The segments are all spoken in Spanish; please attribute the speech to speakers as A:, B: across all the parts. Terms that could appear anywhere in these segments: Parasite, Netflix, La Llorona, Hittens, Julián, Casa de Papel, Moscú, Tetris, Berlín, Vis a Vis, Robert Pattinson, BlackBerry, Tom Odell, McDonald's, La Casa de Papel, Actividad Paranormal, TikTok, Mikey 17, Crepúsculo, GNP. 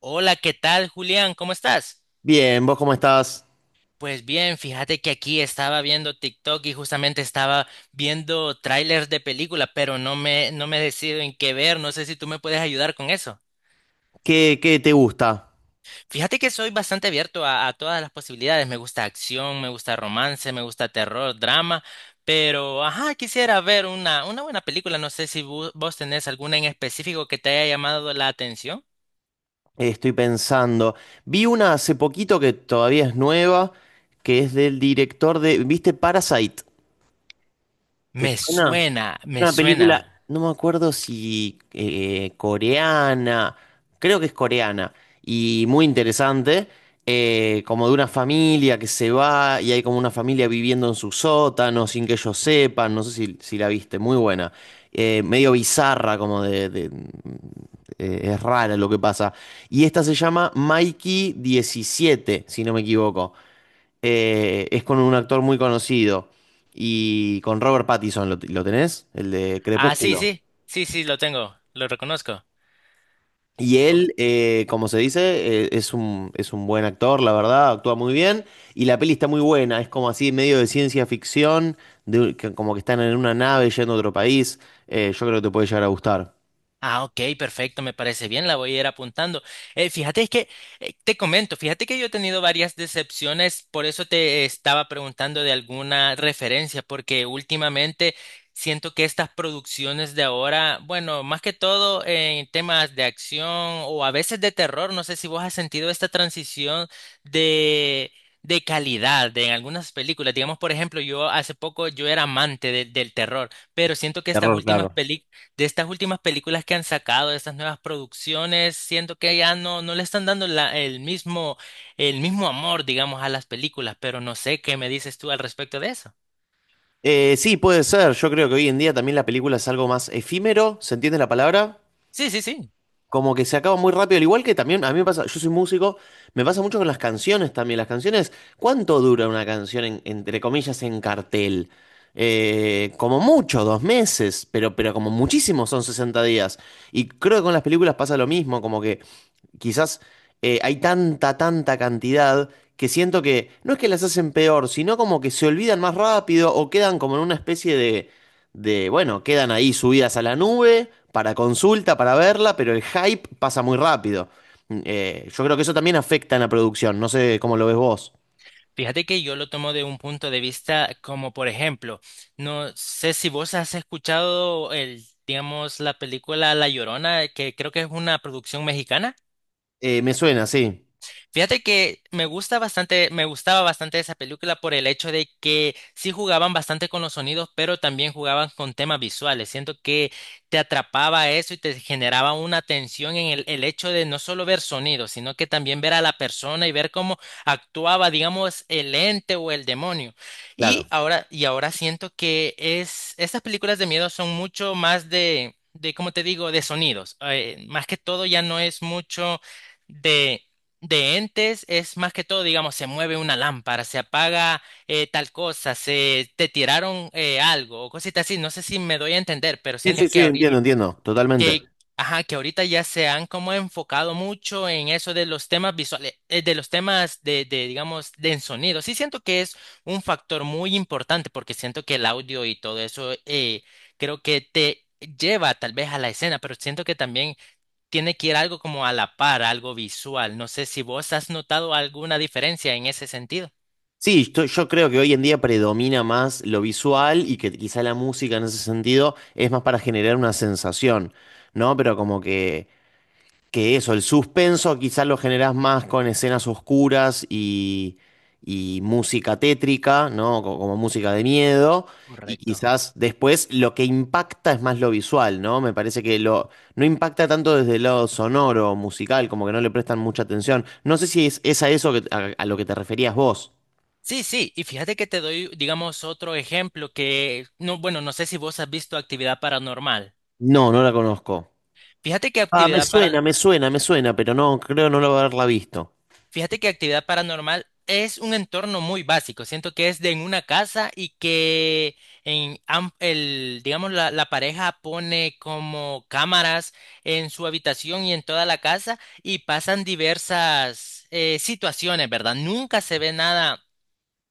A: Hola, ¿qué tal, Julián? ¿Cómo estás?
B: Bien, ¿vos cómo estás?
A: Pues bien, fíjate que aquí estaba viendo TikTok y justamente estaba viendo trailers de película, pero no me decido en qué ver. No sé si tú me puedes ayudar con eso.
B: ¿Qué te gusta?
A: Fíjate que soy bastante abierto a todas las posibilidades. Me gusta acción, me gusta romance, me gusta terror, drama, pero ajá, quisiera ver una buena película. No sé si vos tenés alguna en específico que te haya llamado la atención.
B: Estoy pensando. Vi una hace poquito que todavía es nueva, que es del director de, ¿viste Parasite? ¿Te
A: Me
B: suena?
A: suena, me
B: Una
A: suena.
B: película, no me acuerdo si coreana, creo que es coreana, y muy interesante, como de una familia que se va y hay como una familia viviendo en su sótano sin que ellos sepan, no sé si la viste, muy buena. Medio bizarra, es rara lo que pasa. Y esta se llama Mikey 17, si no me equivoco. Es con un actor muy conocido y con Robert Pattinson, ¿lo tenés? El de
A: Ah, sí,
B: Crepúsculo.
A: sí, sí, sí, lo tengo, lo reconozco.
B: Y
A: O-
B: él, como se dice, es un buen actor, la verdad, actúa muy bien y la peli está muy buena, es como así medio de ciencia ficción, como que están en una nave yendo a otro país. Yo creo que te puede llegar a gustar.
A: Ah, ok, perfecto, me parece bien, la voy a ir apuntando. Fíjate que, te comento, fíjate que yo he tenido varias decepciones, por eso te estaba preguntando de alguna referencia, porque últimamente siento que estas producciones de ahora, bueno, más que todo en temas de acción o a veces de terror, no sé si vos has sentido esta transición de... de calidad de en algunas películas. Digamos, por ejemplo, yo hace poco yo era amante del terror, pero siento que estas
B: Terror,
A: últimas
B: claro.
A: películas de estas últimas películas que han sacado, de estas nuevas producciones, siento que ya no, no le están dando el mismo amor, digamos, a las películas, pero no sé qué me dices tú al respecto de eso.
B: Sí, puede ser, yo creo que hoy en día también la película es algo más efímero, ¿se entiende la palabra?
A: Sí, sí, sí.
B: Como que se acaba muy rápido, al igual que también a mí me pasa, yo soy músico, me pasa mucho con las canciones también. Las canciones, ¿cuánto dura una canción entre comillas en cartel? Como mucho, 2 meses, pero como muchísimo son 60 días. Y creo que con las películas pasa lo mismo, como que quizás hay tanta, tanta cantidad que siento que no es que las hacen peor, sino como que se olvidan más rápido o quedan como en una especie bueno, quedan ahí subidas a la nube para consulta, para verla, pero el hype pasa muy rápido. Yo creo que eso también afecta en la producción, no sé cómo lo ves vos.
A: Fíjate que yo lo tomo de un punto de vista como, por ejemplo, no sé si vos has escuchado el, digamos, la película La Llorona, que creo que es una producción mexicana.
B: Me suena, sí.
A: Fíjate que me gusta bastante, me gustaba bastante esa película por el hecho de que sí jugaban bastante con los sonidos, pero también jugaban con temas visuales. Siento que te atrapaba eso y te generaba una tensión en el hecho de no solo ver sonidos, sino que también ver a la persona y ver cómo actuaba, digamos, el ente o el demonio. Y
B: Claro.
A: ahora, y ahora siento que es, estas películas de miedo son mucho más de, ¿cómo te digo?, de sonidos. Más que todo ya no es mucho de de entes, es más que todo, digamos, se mueve una lámpara, se apaga tal cosa, se te tiraron algo o cositas así. No sé si me doy a entender, pero
B: Sí,
A: siento
B: sí,
A: que
B: sí,
A: ahorita,
B: entiendo, entiendo, totalmente.
A: que, ajá, que ahorita ya se han como enfocado mucho en eso de los temas visuales, de los temas de, digamos, de en sonido. Sí siento que es un factor muy importante porque siento que el audio y todo eso creo que te lleva tal vez a la escena, pero siento que también tiene que ir algo como a la par, algo visual. No sé si vos has notado alguna diferencia en ese sentido.
B: Sí, yo creo que hoy en día predomina más lo visual y que quizá la música en ese sentido es más para generar una sensación, ¿no? Pero como que eso, el suspenso quizá lo generás más con escenas oscuras y música tétrica, ¿no? Como, música de miedo. Y
A: Correcto.
B: quizás después lo que impacta es más lo visual, ¿no? Me parece que no impacta tanto desde el lado sonoro, musical, como que no le prestan mucha atención. No sé si es a eso que, a lo que te referías vos.
A: Sí, sí, y fíjate que te doy, digamos, otro ejemplo que, no, bueno, no sé si vos has visto actividad paranormal.
B: No, no la conozco.
A: Fíjate que
B: Ah, me
A: actividad para,
B: suena, me suena, me suena, pero no, creo no lo haberla visto.
A: Fíjate que actividad paranormal es un entorno muy básico. Siento que es de en una casa y que el, digamos, la pareja pone como cámaras en su habitación y en toda la casa y pasan diversas situaciones, ¿verdad? Nunca se ve nada.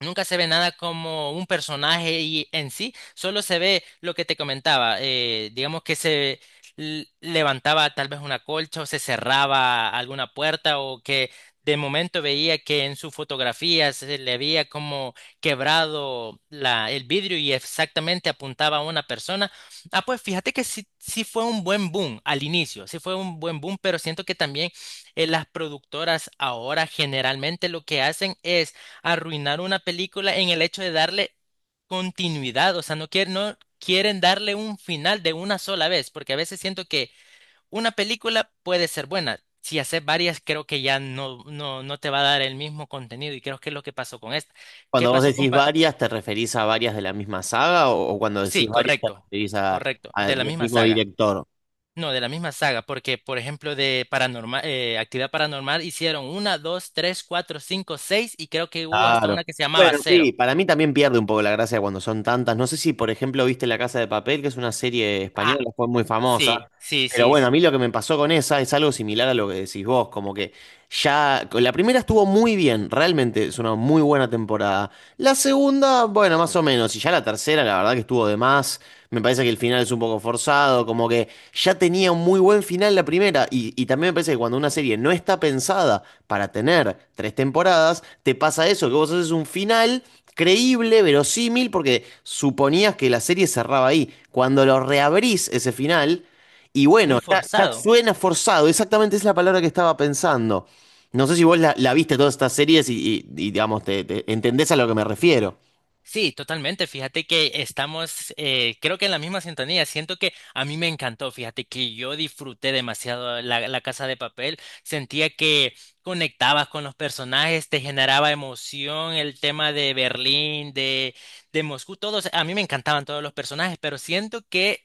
A: Nunca se ve nada como un personaje y en sí, solo se ve lo que te comentaba. Digamos que se levantaba tal vez una colcha o se cerraba alguna puerta o que de momento veía que en su fotografía se le había como quebrado la, el vidrio y exactamente apuntaba a una persona. Ah, pues fíjate que sí, sí fue un buen boom al inicio, sí fue un buen boom, pero siento que también las productoras ahora generalmente lo que hacen es arruinar una película en el hecho de darle continuidad, o sea, no quieren darle un final de una sola vez, porque a veces siento que una película puede ser buena. Si haces varias, creo que ya no, no, no te va a dar el mismo contenido y creo que es lo que pasó con esta. ¿Qué
B: Cuando vos
A: pasó con...
B: decís
A: Pa-
B: varias, ¿te referís a varias de la misma saga o cuando decís
A: Sí,
B: varias te
A: correcto,
B: referís a,
A: correcto,
B: a-
A: de la
B: del
A: misma
B: mismo
A: saga.
B: director?
A: No, de la misma saga, porque por ejemplo de paranormal, actividad paranormal hicieron una, dos, tres, cuatro, cinco, seis y creo que hubo hasta
B: Claro.
A: una que se llamaba
B: Bueno,
A: cero.
B: sí, para mí también pierde un poco la gracia cuando son tantas. No sé si, por ejemplo, viste La Casa de Papel, que es una serie
A: Ah,
B: española, fue muy famosa.
A: sí, sí,
B: Pero
A: sí,
B: bueno, a mí lo que me pasó con esa es algo similar a lo que decís vos, como que ya la primera estuvo muy bien, realmente es una muy buena temporada. La segunda, bueno, más o menos, y ya la tercera, la verdad que estuvo de más. Me parece que el final es un poco forzado, como que ya tenía un muy buen final la primera, y también me parece que cuando una serie no está pensada para tener 3 temporadas, te pasa eso, que vos haces un final creíble, verosímil, porque suponías que la serie cerraba ahí. Cuando lo reabrís ese final, y
A: muy
B: bueno, ya
A: forzado.
B: suena forzado, exactamente es la palabra que estaba pensando. No sé si vos la viste todas estas series y, digamos, te entendés a lo que me refiero.
A: Sí, totalmente. Fíjate que estamos, creo que en la misma sintonía. Siento que a mí me encantó. Fíjate que yo disfruté demasiado la Casa de Papel. Sentía que conectabas con los personajes, te generaba emoción el tema de Berlín, de Moscú, todos. A mí me encantaban todos los personajes, pero siento que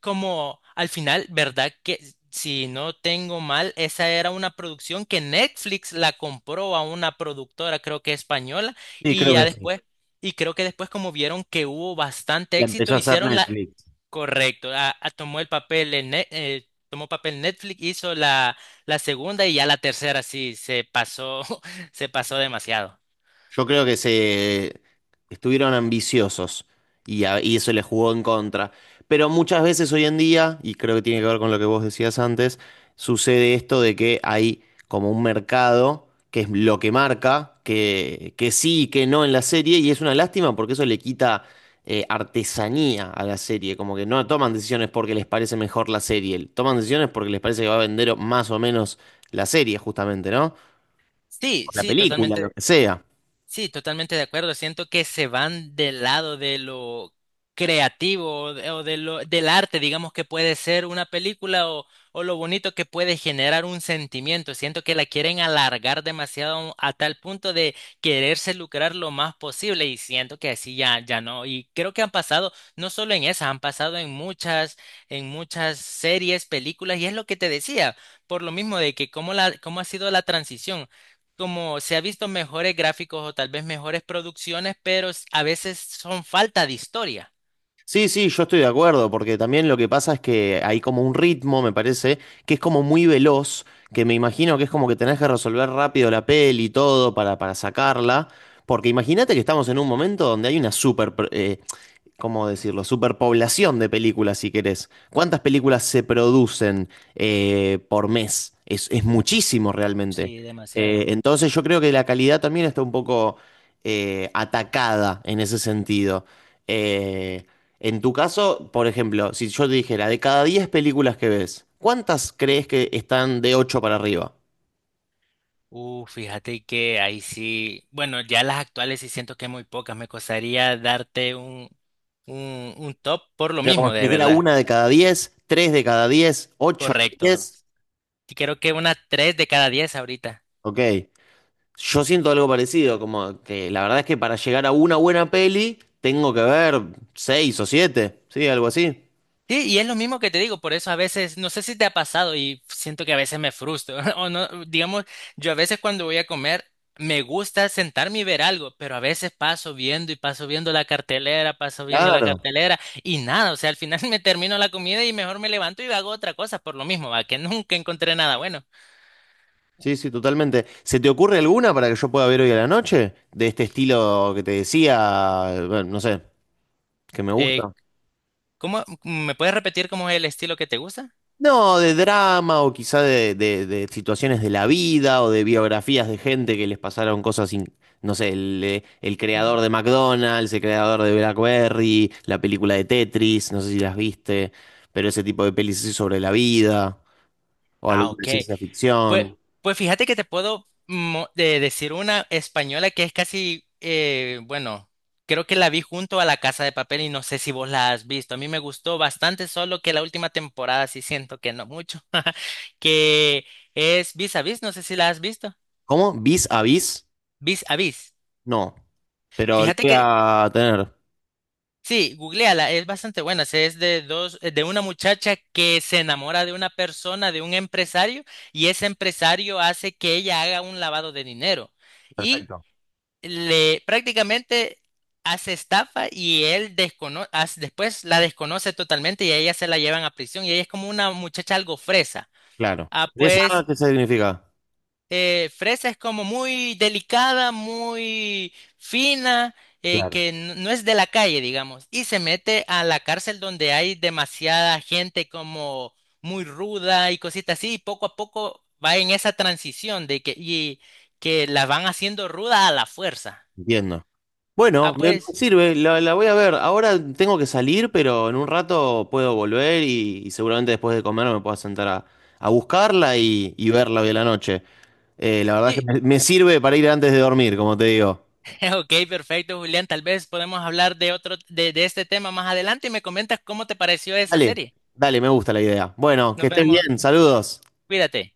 A: como al final, ¿verdad? Que si no tengo mal, esa era una producción que Netflix la compró a una productora, creo que española,
B: Sí,
A: y
B: creo
A: ya
B: que sí.
A: después, y creo que después como vieron que hubo bastante
B: La empezó a
A: éxito,
B: hacer
A: hicieron la,
B: Netflix.
A: correcto, tomó el papel en tomó papel Netflix, hizo la, la segunda y ya la tercera sí se pasó, se pasó demasiado.
B: Yo creo que se estuvieron ambiciosos y eso les jugó en contra. Pero muchas veces hoy en día, y creo que tiene que ver con lo que vos decías antes, sucede esto de que hay como un mercado que es lo que marca, que sí y que no en la serie, y es una lástima porque eso le quita artesanía a la serie, como que no toman decisiones porque les parece mejor la serie, toman decisiones porque les parece que va a vender más o menos la serie, justamente, ¿no? O
A: Sí,
B: la, sí,
A: sí,
B: película, lo
A: totalmente.
B: que sea.
A: Sí, totalmente de acuerdo. Siento que se van del lado de lo creativo o de lo, del arte, digamos que puede ser una película o lo bonito que puede generar un sentimiento. Siento que la quieren alargar demasiado a tal punto de quererse lucrar lo más posible y siento que así ya, ya no. Y creo que han pasado, no solo en esa, han pasado en muchas series, películas y es lo que te decía, por lo mismo de que cómo la, cómo ha sido la transición como se ha visto mejores gráficos o tal vez mejores producciones, pero a veces son falta de historia.
B: Sí, sí, yo estoy de acuerdo, porque también lo que pasa es que hay como un ritmo, me parece, que es como muy veloz, que me imagino que es como que tenés que resolver rápido la peli y todo para, sacarla, porque imagínate que estamos en un momento donde hay una super, ¿cómo decirlo? Superpoblación de películas, si querés. ¿Cuántas películas se producen por mes? Es muchísimo realmente.
A: Sí, demasiado.
B: Entonces yo creo que la calidad también está un poco atacada en ese sentido. Eh, en tu caso, por ejemplo, si yo te dijera, de cada 10 películas que ves, ¿cuántas crees que están de 8 para arriba?
A: Fíjate que ahí sí, bueno, ya las actuales sí siento que muy pocas, me costaría darte un top por lo
B: Era como
A: mismo,
B: si
A: de
B: dijera
A: verdad.
B: 1 de cada 10, 3 de cada 10, ocho de
A: Correcto.
B: diez,
A: Y creo que una 3 de cada 10 ahorita.
B: Ok. Yo siento algo parecido, como que la verdad es que para llegar a una buena peli tengo que ver seis o siete, sí, algo así.
A: Sí, y es lo mismo que te digo, por eso a veces, no sé si te ha pasado y siento que a veces me frustro, o no, digamos, yo a veces cuando voy a comer me gusta sentarme y ver algo, pero a veces paso viendo y paso viendo la cartelera, paso viendo la
B: Claro.
A: cartelera y nada, o sea, al final me termino la comida y mejor me levanto y hago otra cosa por lo mismo, va, que nunca encontré nada bueno.
B: Sí, sí, totalmente. ¿Se te ocurre alguna para que yo pueda ver hoy a la noche? De este estilo que te decía, bueno, no sé, que me
A: Eh,
B: gusta.
A: ¿Cómo, me puedes repetir cómo es el estilo que te gusta?
B: No, de drama o quizá de situaciones de la vida o de biografías de gente que les pasaron cosas, no sé, el
A: Mm,
B: creador de McDonald's, el creador de BlackBerry, la película de Tetris, no sé si las viste, pero ese tipo de pelis así sobre la vida o
A: ah,
B: alguna de
A: ok.
B: ciencia
A: Pues,
B: ficción.
A: pues fíjate que te puedo decir una española que es casi, bueno, creo que la vi junto a La Casa de Papel y no sé si vos la has visto. A mí me gustó bastante, solo que la última temporada sí siento que no mucho, que es Vis a Vis, no sé si la has visto.
B: ¿Cómo? ¿Vis a vis?
A: Vis a Vis.
B: No, pero lo
A: Fíjate
B: voy
A: que,
B: a tener.
A: sí, googleala, es bastante buena. Es de dos, de una muchacha que se enamora de una persona, de un empresario, y ese empresario hace que ella haga un lavado de dinero. Y
B: Perfecto.
A: le prácticamente hace estafa y él después la desconoce totalmente y a ella se la llevan a prisión y ella es como una muchacha algo fresa.
B: Claro.
A: Ah,
B: ¿Esa
A: pues
B: qué significa?
A: fresa es como muy delicada, muy fina,
B: Claro.
A: que no es de la calle, digamos, y se mete a la cárcel donde hay demasiada gente como muy ruda y cositas así, y poco a poco va en esa transición de que, y, que la van haciendo ruda a la fuerza.
B: Entiendo.
A: Ah,
B: Bueno, me
A: pues...
B: sirve, la voy a ver. Ahora tengo que salir, pero en un rato puedo volver y seguramente después de comer me pueda sentar a buscarla y verla hoy a la noche. La verdad es que
A: Sí,
B: me sirve para ir antes de dormir, como te digo.
A: ok, perfecto, Julián. Tal vez podemos hablar de otro, de este tema más adelante y me comentas cómo te pareció esa
B: Dale,
A: serie.
B: dale, me gusta la idea. Bueno, que
A: Nos
B: estés
A: vemos,
B: bien, saludos.
A: cuídate.